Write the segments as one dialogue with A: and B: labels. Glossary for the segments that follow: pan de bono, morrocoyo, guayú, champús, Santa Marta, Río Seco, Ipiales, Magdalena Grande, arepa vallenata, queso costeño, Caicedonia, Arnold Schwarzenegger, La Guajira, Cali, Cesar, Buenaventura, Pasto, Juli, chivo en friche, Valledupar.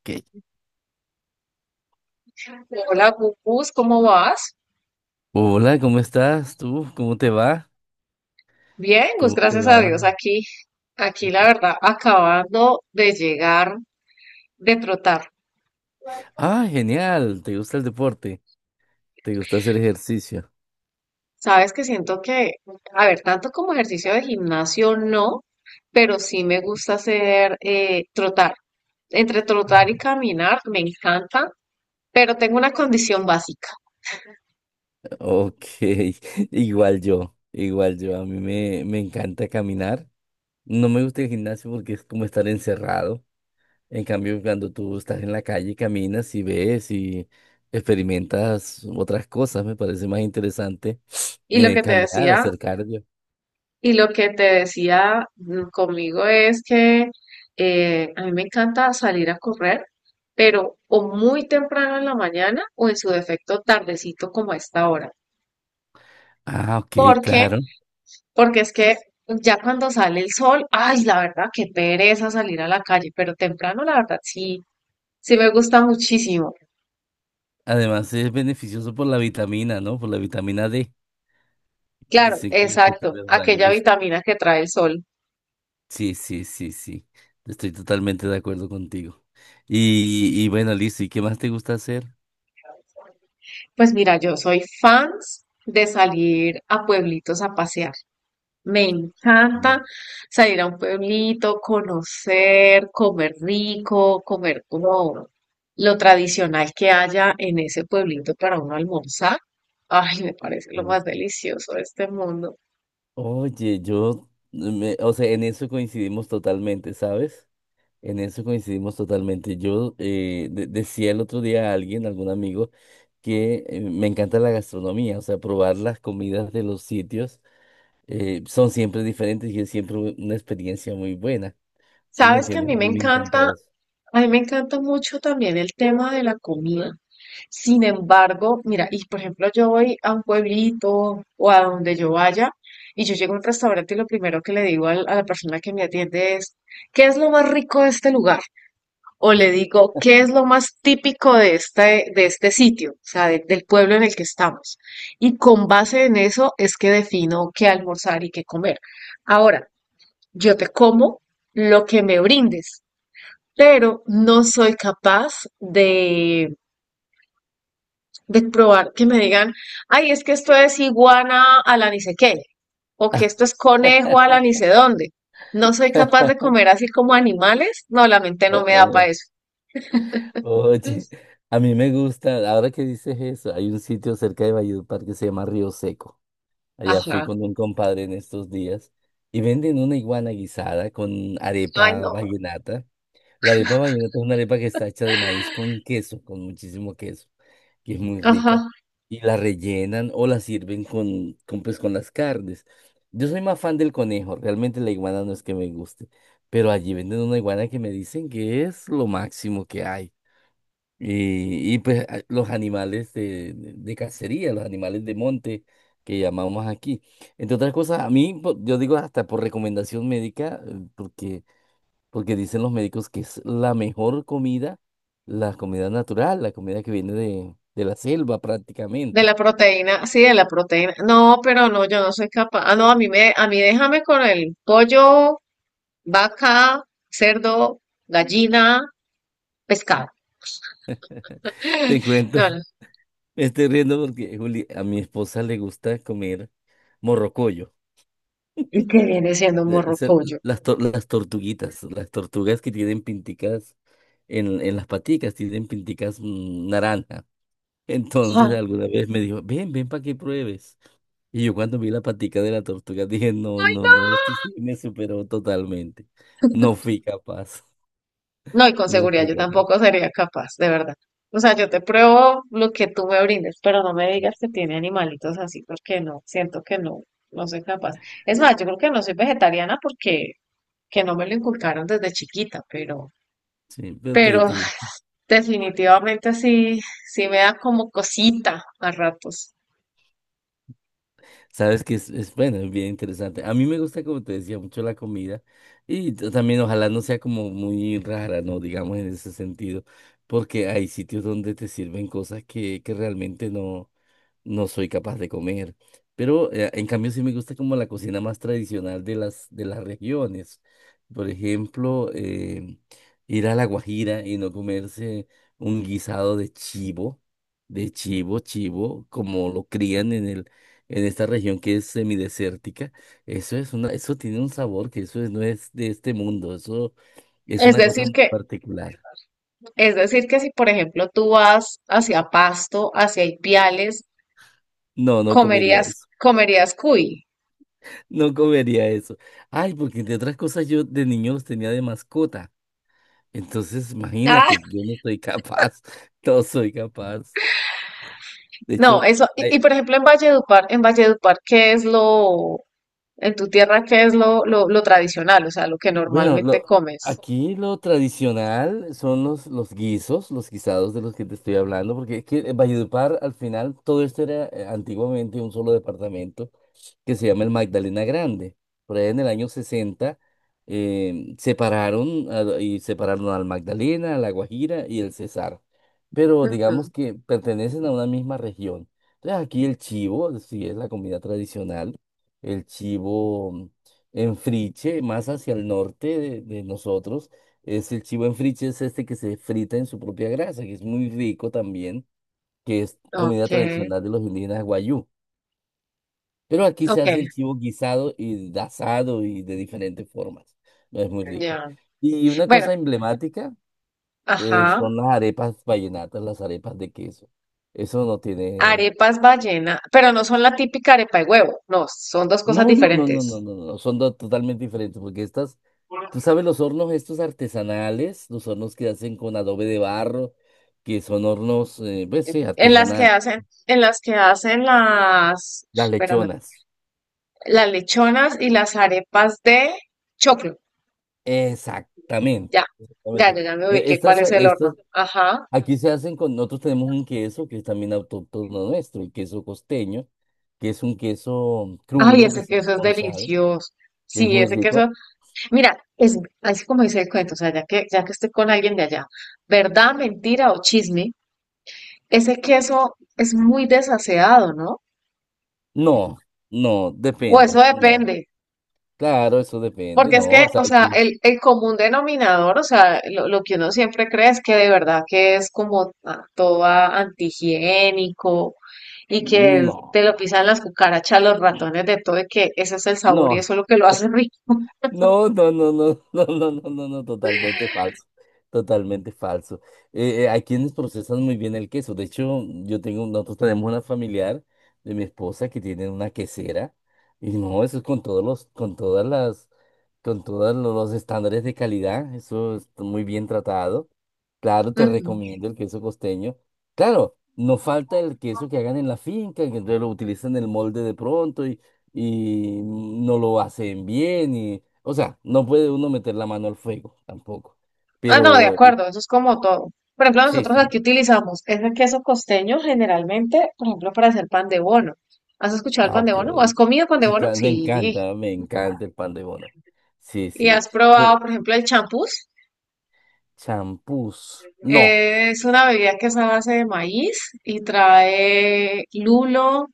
A: Ok.
B: Hola, Gus, ¿cómo vas?
A: Hola, ¿cómo estás tú? ¿Cómo te va?
B: Bien, Gus,
A: ¿Cómo te
B: gracias a
A: va?
B: Dios. Aquí, aquí la verdad, acabando de llegar de trotar.
A: Ah, genial. ¿Te gusta el deporte? ¿Te gusta hacer ejercicio?
B: Sabes que siento que, a ver, tanto como ejercicio de gimnasio no, pero sí me gusta hacer trotar. Entre
A: Ah.
B: trotar y caminar me encanta, pero tengo una condición básica.
A: Ok, igual yo, igual yo. A mí me encanta caminar. No me gusta el gimnasio porque es como estar encerrado. En cambio, cuando tú estás en la calle, caminas y ves y experimentas otras cosas, me parece más interesante.
B: Y lo que te
A: Caminar,
B: decía
A: hacer cardio.
B: Y lo que te decía conmigo es que a mí me encanta salir a correr, pero o muy temprano en la mañana o en su defecto tardecito como a esta hora.
A: Ah, ok,
B: ¿Por qué?
A: claro.
B: Porque es que ya cuando sale el sol, ay, la verdad, qué pereza salir a la calle, pero temprano la verdad sí, sí me gusta muchísimo.
A: Además es beneficioso por la vitamina, ¿no? Por la vitamina D.
B: Claro,
A: Dicen que estos
B: exacto,
A: tres
B: aquella
A: rayos.
B: vitamina que trae el sol.
A: Sí, sí, sí, sí. Estoy totalmente de acuerdo contigo. Y bueno, listo. ¿Y qué más te gusta hacer?
B: Pues mira, yo soy fans de salir a pueblitos a pasear. Me
A: Mm,
B: encanta salir a un pueblito, conocer, comer rico, comer como lo tradicional que haya en ese pueblito para uno almorzar. Ay, me parece lo
A: mm.
B: más delicioso de este mundo.
A: Oye, o sea, en eso coincidimos totalmente, ¿sabes? En eso coincidimos totalmente. Yo decía el otro día a alguien, algún amigo, que me encanta la gastronomía, o sea, probar las comidas de los sitios. Son siempre diferentes y es siempre una experiencia muy buena. ¿Sí me
B: Sabes que a mí
A: entiendes? A
B: me
A: mí me encanta
B: encanta
A: eso.
B: A mí me encanta mucho también el tema de la comida. Sin embargo, mira, y por ejemplo, yo voy a un pueblito o a donde yo vaya y yo llego a un restaurante y lo primero que le digo a la persona que me atiende es, ¿qué es lo más rico de este lugar? O le digo, ¿qué es lo más típico de este sitio? O sea, del pueblo en el que estamos. Y con base en eso es que defino qué almorzar y qué comer. Ahora, yo te como lo que me brindes, pero no soy capaz de probar que me digan, ay, es que esto es iguana a la ni sé qué, o que esto es conejo a la ni sé dónde. No soy capaz de comer así como animales. No, la mente no me da para eso. Mm.
A: Oye, a mí me gusta, ahora que dices eso, hay un sitio cerca de Valledupar que se llama Río Seco. Allá fui
B: Ajá.
A: con un compadre en estos días y venden una iguana guisada con
B: Ay,
A: arepa
B: no.
A: vallenata. La arepa vallenata es una arepa que está hecha de maíz con queso, con muchísimo queso, que es muy
B: Ajá.
A: rica. Y la rellenan o la sirven con, con las carnes. Yo soy más fan del conejo, realmente la iguana no es que me guste, pero allí venden una iguana que me dicen que es lo máximo que hay. Los animales de, de cacería, los animales de monte que llamamos aquí. Entre otras cosas, yo digo hasta por recomendación médica, porque dicen los médicos que es la mejor comida, la comida natural, la comida que viene de la selva
B: De la
A: prácticamente.
B: proteína, sí, de la proteína. No, pero no, yo no soy capaz. Ah, no, a mí déjame con el pollo, vaca, cerdo, gallina, pescado.
A: Te cuento,
B: No, no.
A: me estoy riendo porque Juli, a mi esposa le gusta comer morrocoyo,
B: ¿Y qué viene siendo un
A: es
B: morrocoyo?
A: las tortuguitas, las tortugas que tienen pinticas en las paticas, tienen pinticas naranja.
B: Sea,
A: Entonces
B: no.
A: alguna vez me dijo, ven, ven para que pruebes. Y yo cuando vi la patica de la tortuga dije, no, no, no, esto sí me superó totalmente. No fui capaz.
B: No, y con
A: No
B: seguridad
A: fui
B: yo
A: capaz.
B: tampoco sería capaz, de verdad. O sea, yo te pruebo lo que tú me brindes, pero no me digas que tiene animalitos así, porque no, siento que no, no soy capaz. Es más, yo creo que no soy vegetariana porque que no me lo inculcaron desde chiquita,
A: Sí, pero te
B: pero
A: te digo,
B: definitivamente sí, sí me da como cosita a ratos.
A: sabes que es bueno, es bien interesante. A mí me gusta, como te decía, mucho la comida y también ojalá no sea como muy rara, ¿no? Digamos en ese sentido, porque hay sitios donde te sirven cosas que realmente no, no soy capaz de comer. Pero en cambio sí me gusta como la cocina más tradicional de las regiones. Por ejemplo, ir a La Guajira y no comerse un guisado de chivo, chivo, como lo crían en el, en esta región que es semidesértica. Eso es una, eso tiene un sabor que no es de este mundo. Eso es
B: Es
A: una cosa
B: decir
A: muy
B: que,
A: particular.
B: es decir que si por ejemplo tú vas hacia Pasto, hacia Ipiales,
A: No, no comería
B: comerías,
A: eso.
B: comerías cuy.
A: No comería eso. Ay, porque entre otras cosas yo de niño los tenía de mascota. Entonces, imagínate, yo no soy capaz, no soy capaz. De
B: No,
A: hecho,
B: eso,
A: ay,
B: y, por ejemplo en Valledupar, ¿qué es en tu tierra, qué es lo tradicional, o sea, lo que
A: bueno,
B: normalmente
A: lo,
B: comes?
A: aquí lo tradicional son los guisos, los guisados de los que te estoy hablando, porque es que en Valledupar al final todo esto era antiguamente un solo departamento que se llama el Magdalena Grande. Por allá en el año 60 separaron al Magdalena, a la Guajira y el Cesar. Pero
B: Ujú.
A: digamos que pertenecen a una misma región. Entonces aquí el chivo, sí es la comida tradicional, el chivo en friche, más hacia el norte de nosotros, es el chivo en friche, es este que se frita en su propia grasa, que es muy rico también, que es comida
B: Okay,
A: tradicional de los indígenas guayú. Pero aquí se hace
B: okay,
A: el chivo guisado y de asado y de diferentes formas. No es muy rico.
B: ya.
A: Y una
B: Bueno,
A: cosa emblemática,
B: ajá.
A: son las arepas vallenatas, las arepas de queso. Eso no tiene.
B: Arepas ballena, pero no son la típica arepa de huevo, no, son dos cosas
A: No, no, no, no, no,
B: diferentes.
A: no, no. Son dos totalmente diferentes porque estas, tú sabes, los hornos estos artesanales, los hornos que hacen con adobe de barro, que son hornos, pues sí,
B: En las que
A: artesanal.
B: hacen, en las que hacen las,
A: Las
B: espérame,
A: lechonas.
B: las lechonas y las arepas de choclo.
A: Exactamente.
B: Ya, ya,
A: Exactamente.
B: ya, ya me ubiqué cuál
A: Estas,
B: es el horno.
A: estas,
B: Ajá.
A: aquí se hacen con, nosotros tenemos un queso que es también autóctono nuestro, el queso costeño, que es un queso
B: Ay,
A: crudo que
B: ese
A: está hace
B: queso es
A: con sal,
B: delicioso.
A: que es
B: Sí,
A: muy
B: ese
A: rico.
B: queso. Mira, es así como dice el cuento, o sea, ya que estoy con alguien de allá, verdad, mentira o chisme, ese queso es muy desaseado, ¿no?
A: No, no,
B: O eso
A: depende, no.
B: depende.
A: Claro, eso depende,
B: Porque
A: no,
B: es que,
A: o sea,
B: o sea,
A: aquí,
B: el común denominador, o sea, lo que uno siempre cree es que de verdad que es como ah, todo ah, antihigiénico y que te lo
A: no,
B: pisan las cucarachas, los ratones, de todo, y que ese es el sabor y
A: no.
B: eso es lo que lo hace rico.
A: No, no, no, no, no, no, no, no, no, totalmente falso, totalmente falso. Hay quienes procesan muy bien el queso. De hecho, yo tengo, nosotros tenemos una familiar de mi esposa que tiene una quesera y no, eso es con todos los, con todas las, con todos los estándares de calidad. Eso es muy bien tratado. Claro, te
B: Ujú.
A: recomiendo el queso costeño. Claro, no falta el queso que hagan en la finca, que entonces lo utilizan en el molde de pronto y no lo hacen bien, o sea, no puede uno meter la mano al fuego tampoco.
B: Ah, no, de
A: Pero
B: acuerdo, eso es como todo. Por ejemplo,
A: sí,
B: nosotros
A: sí.
B: aquí utilizamos ese queso costeño generalmente, por ejemplo, para hacer pan de bono. ¿Has escuchado el
A: Ah,
B: pan de
A: ok.
B: bono? ¿O has comido pan de
A: Sí,
B: bono?
A: claro,
B: Sí.
A: me encanta el pan de bono. Sí,
B: ¿Y
A: sí.
B: has probado,
A: De
B: por ejemplo, el champús?
A: champús. No,
B: Es una bebida que es a base de maíz y trae lulo,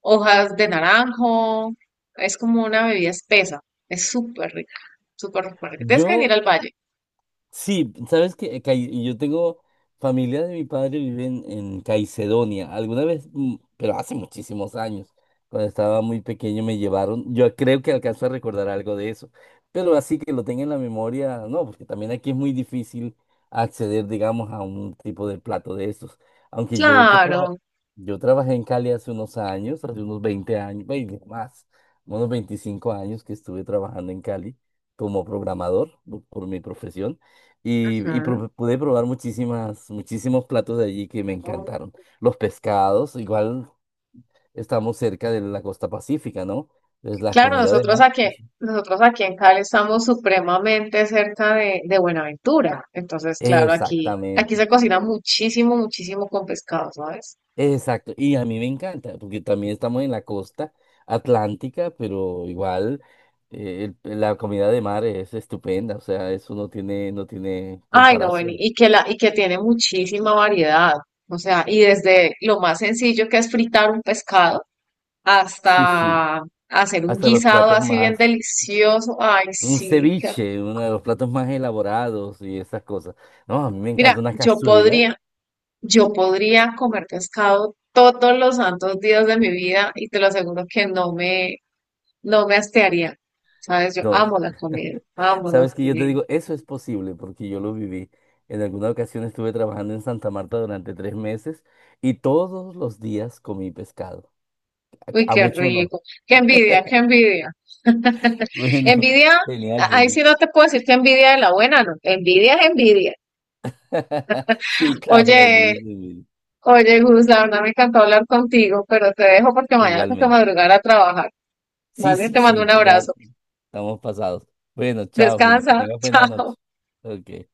B: hojas de naranjo. Es como una bebida espesa. Es súper rica, súper, súper rica. Tienes que venir
A: yo.
B: al valle.
A: Sí, sabes que yo tengo familia de mi padre vive en Caicedonia. Alguna vez, pero hace muchísimos años, cuando estaba muy pequeño me llevaron. Yo creo que alcanzo a recordar algo de eso, pero así que lo tenga en la memoria, no, porque también aquí es muy difícil acceder, digamos, a un tipo de plato de esos. Aunque yo que traba-
B: Claro.
A: Yo trabajé en Cali hace unos años, hace unos 20 años, 20 más, unos 25 años que estuve trabajando en Cali como programador por mi profesión. Y pude probar muchísimas, muchísimos platos de allí que me
B: Ujú.
A: encantaron. Los pescados, igual estamos cerca de la costa pacífica, ¿no? Entonces, las
B: claro,
A: comidas de
B: nosotros
A: mar.
B: aquí,
A: Eso.
B: nosotros aquí en Cali estamos supremamente cerca de Buenaventura. Entonces, claro, aquí, aquí
A: Exactamente,
B: se cocina muchísimo, muchísimo con pescado, ¿sabes?
A: exacto. Y a mí me encanta, porque también estamos en la costa atlántica, pero igual, la comida de mar es estupenda, o sea, eso no tiene, no tiene
B: Ay, no, Beni,
A: comparación.
B: y que la, y que tiene muchísima variedad. O sea, y desde lo más sencillo que es fritar un pescado
A: Sí, sí,
B: hasta hacer un
A: hasta los
B: guisado
A: platos
B: así bien
A: más.
B: delicioso. Ay,
A: Un
B: sí, qué
A: ceviche,
B: rico.
A: uno de los platos más elaborados y esas cosas. No, a mí me
B: Mira,
A: encanta una
B: yo
A: cazuela.
B: podría, yo podría comer pescado todos los santos días de mi vida y te lo aseguro que no me, no me hastiaría. Sabes, yo
A: No,
B: amo la comida, amo la
A: sabes que yo te
B: comida.
A: digo, eso es posible porque yo lo viví. En alguna ocasión estuve trabajando en Santa Marta durante 3 meses y todos los días comí pescado.
B: Uy,
A: A
B: qué
A: mucho no.
B: rico. Qué envidia, qué envidia.
A: Bueno,
B: Envidia,
A: genial,
B: ahí
A: Juli.
B: sí no te puedo decir que envidia de la buena, no. Envidia es envidia.
A: Sí, claro, la envidia
B: Oye,
A: es de mil.
B: oye, Gus, la verdad me encantó hablar contigo, pero te dejo porque mañana tengo que
A: Igualmente.
B: madrugar a trabajar.
A: Sí,
B: Vale,
A: sí,
B: te mando
A: sí,
B: un
A: ya
B: abrazo.
A: estamos pasados. Bueno, chao, Juli, que
B: Descansa.
A: tengas buena
B: Chao.
A: noche. Ok.